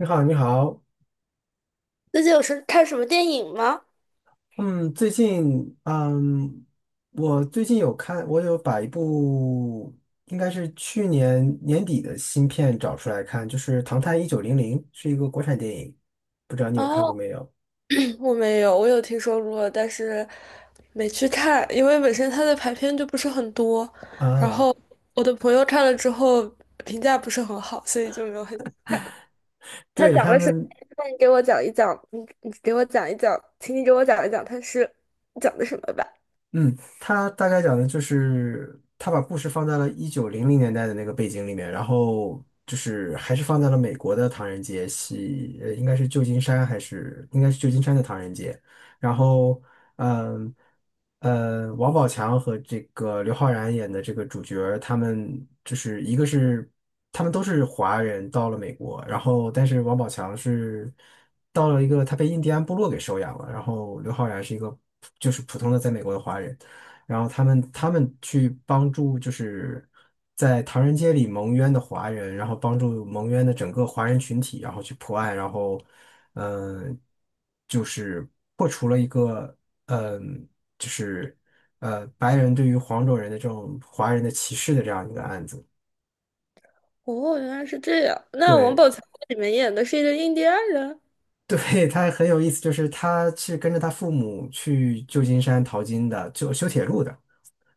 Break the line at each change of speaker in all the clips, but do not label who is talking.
你好，你好。
最近看什么电影吗？
嗯，最近，我最近有看，我有把一部应该是去年年底的新片找出来看，就是《唐探一九零零》，是一个国产电影，不知道你有看过
哦，
没有？
我没有，我有听说过，但是没去看，因为本身它的排片就不是很多，然
啊，
后我的朋友看了之后评价不是很好，所以就没有很。他
对，
讲
他
了什么？
们，
那你给我讲一讲，你给我讲一讲，请你给我讲一讲，他是讲的什么吧？
嗯，他大概讲的就是他把故事放在了1900年代的那个背景里面，然后就是还是放在了美国的唐人街，应该是旧金山还是应该是旧金山的唐人街。然后，嗯，王宝强和这个刘昊然演的这个主角儿他们就是一个是他们都是华人到了美国，然后但是王宝强是到了一个他被印第安部落给收养了，然后刘昊然是一个就是普通的在美国的华人。然后他们去帮助就是在唐人街里蒙冤的华人，然后帮助蒙冤的整个华人群体，然后去破案，然后嗯、呃就是破除了一个嗯、就是白人对于黄种人的这种华人的歧视的这样一个案子。
哦，原来是这样。那王
对。
宝强在里面演的是一个印第安人。
对，他很有意思，就是他是跟着他父母去旧金山淘金的，就修铁路的。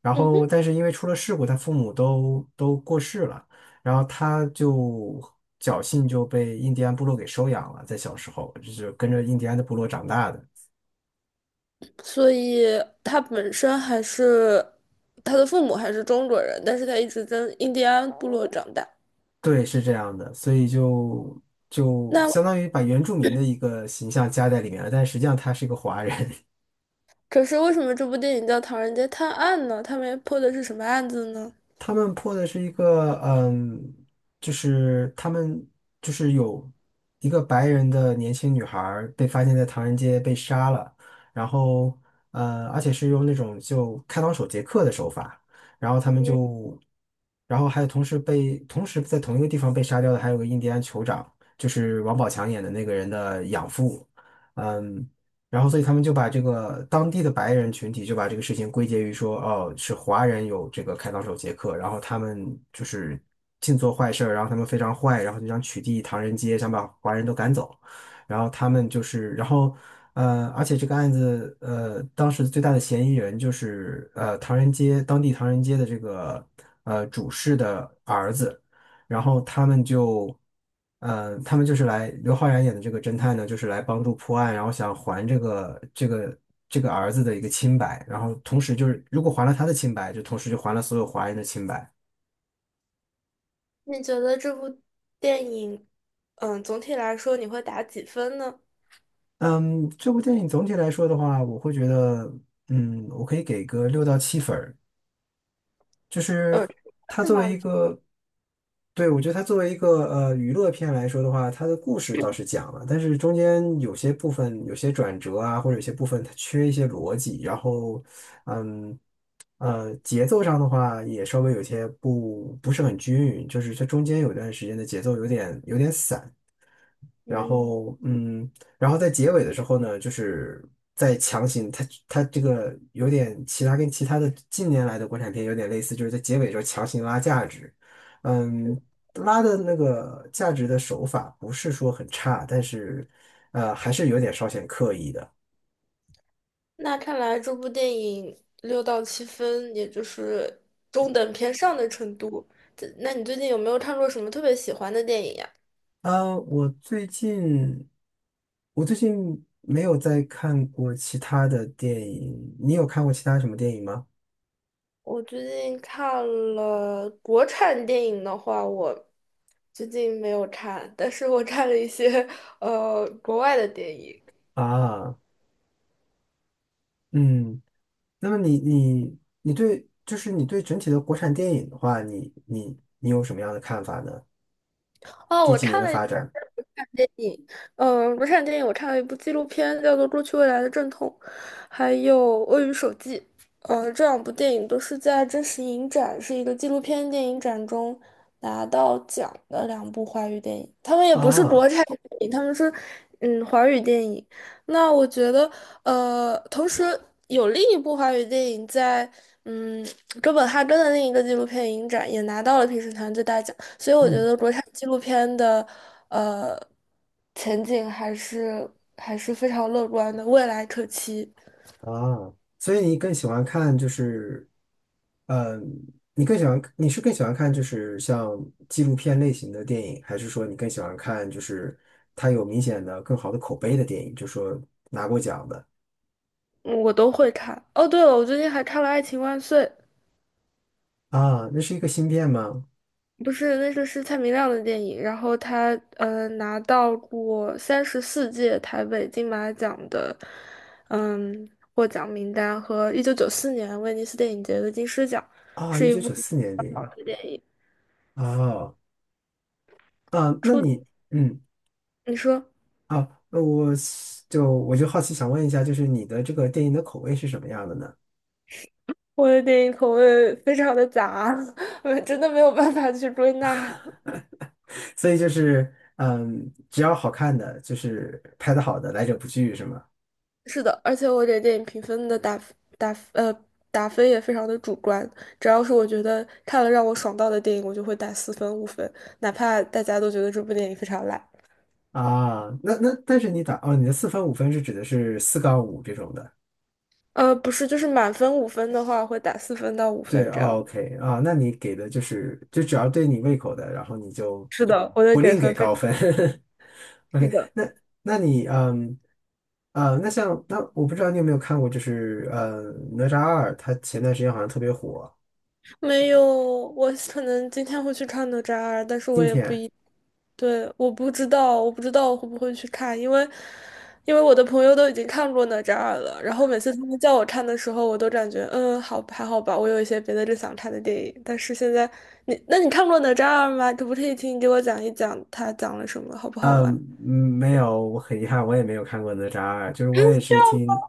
然
嗯
后
哼。
但是因为出了事故，他父母都过世了，然后他就侥幸就被印第安部落给收养了，在小时候就是跟着印第安的部落长大的，
所以他本身还是他的父母还是中国人，但是他一直在印第安部落长大。
对，是这样的，所以就就
那
相当于把原住民的一个形象加在里面了，但实际上他是一个华人。
可是为什么这部电影叫《唐人街探案》呢？他们破的是什么案子呢？
他们破的是一个，就是他们就是有一个白人的年轻女孩儿被发现在唐人街被杀了，然后而且是用那种就开膛手杰克的手法，然后他们就，然后还有同时被同时在同一个地方被杀掉的还有个印第安酋长，就是王宝强演的那个人的养父。嗯。然后所以他们就把这个当地的白人群体就把这个事情归结于说，哦，是华人有这个开膛手杰克，然后他们就是尽做坏事儿，然后他们非常坏，然后就想取缔唐人街，想把华人都赶走，然后他们就是，然后而且这个案子当时最大的嫌疑人就是唐人街当地唐人街的这个主事的儿子。然后他们就，他们就是来刘昊然演的这个侦探呢，就是来帮助破案，然后想还这个这个儿子的一个清白，然后同时就是如果还了他的清白，就同时就还了所有华人的清白。
你觉得这部电影，总体来说你会打几分呢？
嗯，这部电影总体来说的话，我会觉得，我可以给个6到7分儿。就是
嗯，
它
是
作为
满
一
分。
个，对，我觉得它作为一个娱乐片来说的话，它的故事倒是讲了，但是中间有些部分有些转折啊，或者有些部分它缺一些逻辑，然后嗯节奏上的话也稍微有些不是很均匀，就是它中间有段时间的节奏有点散。然
嗯，
后然后在结尾的时候呢，就是在强行他这个有点其他跟其他的近年来的国产片有点类似，就是在结尾的时候强行拉价值，嗯，拉的那个价值的手法不是说很差，但是还是有点稍显刻意的。
那看来这部电影6到7分，也就是中等偏上的程度。那你最近有没有看过什么特别喜欢的电影呀？
啊，我最近没有再看过其他的电影，你有看过其他什么电影吗？
我最近看了国产电影的话，我最近没有看，但是我看了一些国外的电影。
啊，嗯。那么你对，就是你对整体的国产电影的话，你有什么样的看法呢？
哦，
这
我
几年
看
的
了一部
发展
电影，国产电影我看了一部纪录片，叫做《过去未来的阵痛》，还有《鳄鱼手记》。这两部电影都是在真实影展，是一个纪录片电影展中拿到奖的两部华语电影。他们也不是
啊，
国产电影，他们是华语电影。那我觉得，同时有另一部华语电影在，嗯，哥本哈根的另一个纪录片影展也拿到了评审团最大奖，所以我觉
嗯
得国产纪录片的，呃，前景还是非常乐观的，未来可期，
啊，所以你更喜欢看就是，嗯，你是更喜欢看就是像纪录片类型的电影，还是说你更喜欢看就是它有明显的更好的口碑的电影，就说拿过奖的
嗯我都会看。哦，对了，我最近还看了《爱情万岁》。
啊？那是一个新片吗？
不是，那个是蔡明亮的电影，然后他拿到过34届台北金马奖的嗯获奖名单和1994年威尼斯电影节的金狮奖。
啊，1994年的电
好
影。
的电影
啊，啊，那
出，
你。嗯。
你说
啊，那我是就我就好奇想问一下，就是你的这个电影的口味是什么样的呢？
我的电影口味非常的杂，我真的没有办法去归纳。
所以就是，只要好看的，就是拍的好的，来者不拒，是吗？
是的，而且我给电影评分的打呃打分也非常的主观，只要是我觉得看了让我爽到的电影，我就会打4分5分，哪怕大家都觉得这部电影非常烂。
啊，那但是你打哦，你的四分五分是指的是四杠五这种的，
不是，就是满分5分的话，会打四分到五
对。
分这样。
o k 啊，那你给的就是就只要对你胃口的，然后你就
是的，我的给分非常是
OK。
的，
那那你嗯啊，那像那我不知道你有没有看过，就是哪吒二，它前段时间好像特别火，
没有，我可能今天会去看哪吒二，但是我
今
也不
天。
一，对，我不知道，我不知道我会不会去看，因为我的朋友都已经看过哪吒二了，然后每次他们叫我看的时候，我都感觉好，还好吧，我有一些别的更想看的电影，但是现在你，那你看过哪吒二吗？可不可以请你给我讲一讲它讲了什么，好不好
嗯，
玩？
没有，我很遗憾，我也没有看过哪吒二，就是我也是听，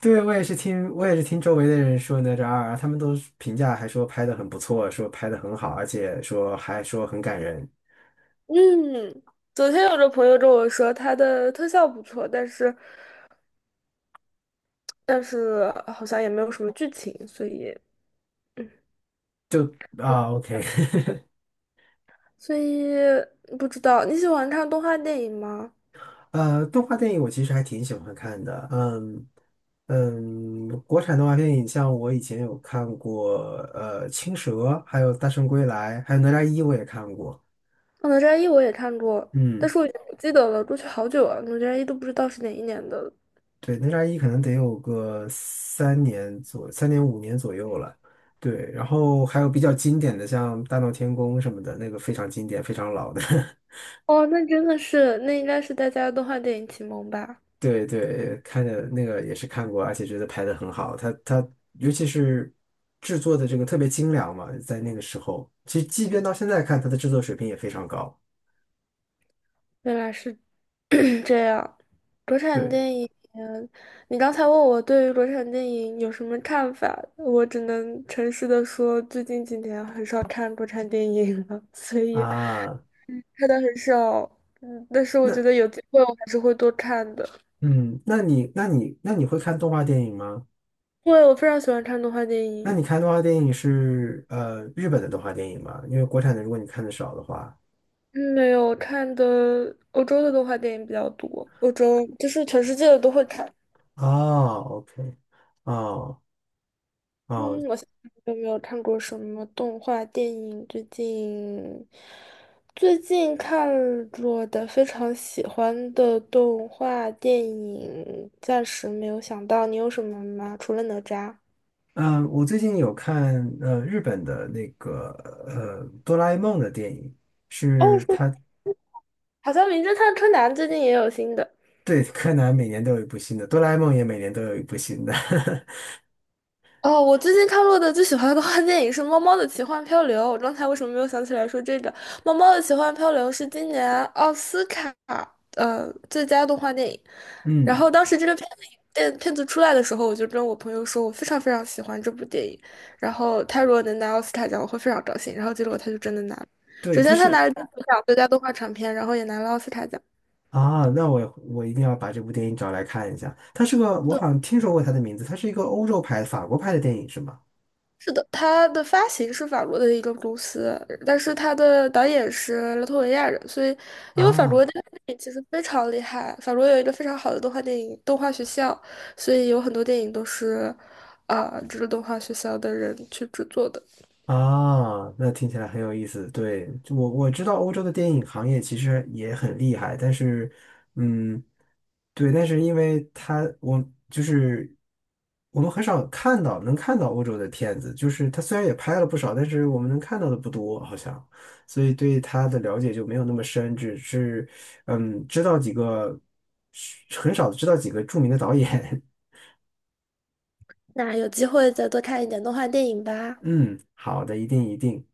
对，我也是听周围的人说哪吒二，他们都是评价还说拍的很不错，说拍的很好，而且说还说很感人，
嗯，昨天有个朋友跟我说，它的特效不错，但是好像也没有什么剧情，所以。嗯
就啊，OK。
所以不知道你喜欢看动画电影吗？
动画电影我其实还挺喜欢看的，国产动画电影像我以前有看过，青蛇》，还有《大圣归来》，还有《哪吒一》，我也看过，
哦哪吒一我也看过，但
嗯。
是我已经不记得了，过去好久了，哪吒一都不知道是哪一年的了
对，哪吒一可能得有个3年5年左右了。对，然后还有比较经典的，像《大闹天宫》什么的，那个非常经典，非常老的。
哦，那真的是，那应该是大家的动画电影启蒙吧？
对对，看着那个也是看过，而且觉得拍的很好。它尤其是制作的这个特别精良嘛，在那个时候，其实即便到现在看，它的制作水平也非常高。
原来是 这样。国产
对
电影，你刚才问我对于国产电影有什么看法，我只能诚实的说，最近几年很少看国产电影了，所以
啊，
看的很少。但是我觉
那
得有机会我还是会多看的。
嗯，那你会看动画电影吗？
对，我非常喜欢看动画电
那
影，
你看动画电影是日本的动画电影吗？因为国产的，如果你看的少的话，
嗯没有看的欧洲的动画电影比较多，欧洲就是全世界的都会看。
哦，OK。哦哦，
嗯，我想想有没有看过什么动画电影？最近看过的非常喜欢的动画电影，暂时没有想到，你有什么吗？除了哪吒？
嗯、我最近有看日本的那个哆啦 A 梦的电影，
哦，
是
是，
它
好像《名侦探柯南》最近也有新的。
对柯南每年都有一部新的，哆啦 A 梦也每年都有一部新的。
哦，我最近看过的最喜欢的动画电影是《猫猫的奇幻漂流》。我刚才为什么没有想起来说这个？《猫猫的奇幻漂流》是今年奥斯卡最佳动画电影。然
嗯，
后当时这个片子出来的时候，我就跟我朋友说，我非常非常喜欢这部电影。然后他如果能拿奥斯卡奖，我会非常高兴。然后结果他就真的拿了。
对，
首
它
先他拿
是。
了金球奖最佳动画长片，然后也拿了奥斯卡奖。
啊，那我一定要把这部电影找来看一下。它是个我好像听说过它的名字，它是一个欧洲拍的法国拍的电影是吗？
是的，它的发行是法国的一个公司，但是它的导演是拉脱维亚人，所以因为法
啊。
国的动画电影其实非常厉害，法国有一个非常好的动画电影动画学校，所以有很多电影都是这个动画学校的人去制作的。
啊，那听起来很有意思。对，就我知道欧洲的电影行业其实也很厉害，但是，嗯，对，但是因为它，我就是我们很少看到能看到欧洲的片子，就是它虽然也拍了不少，但是我们能看到的不多，好像，所以对它的了解就没有那么深，只是知道几个，很少知道几个著名的导演。
那有机会再多看一点动画电影 吧。
嗯，好的，一定一定。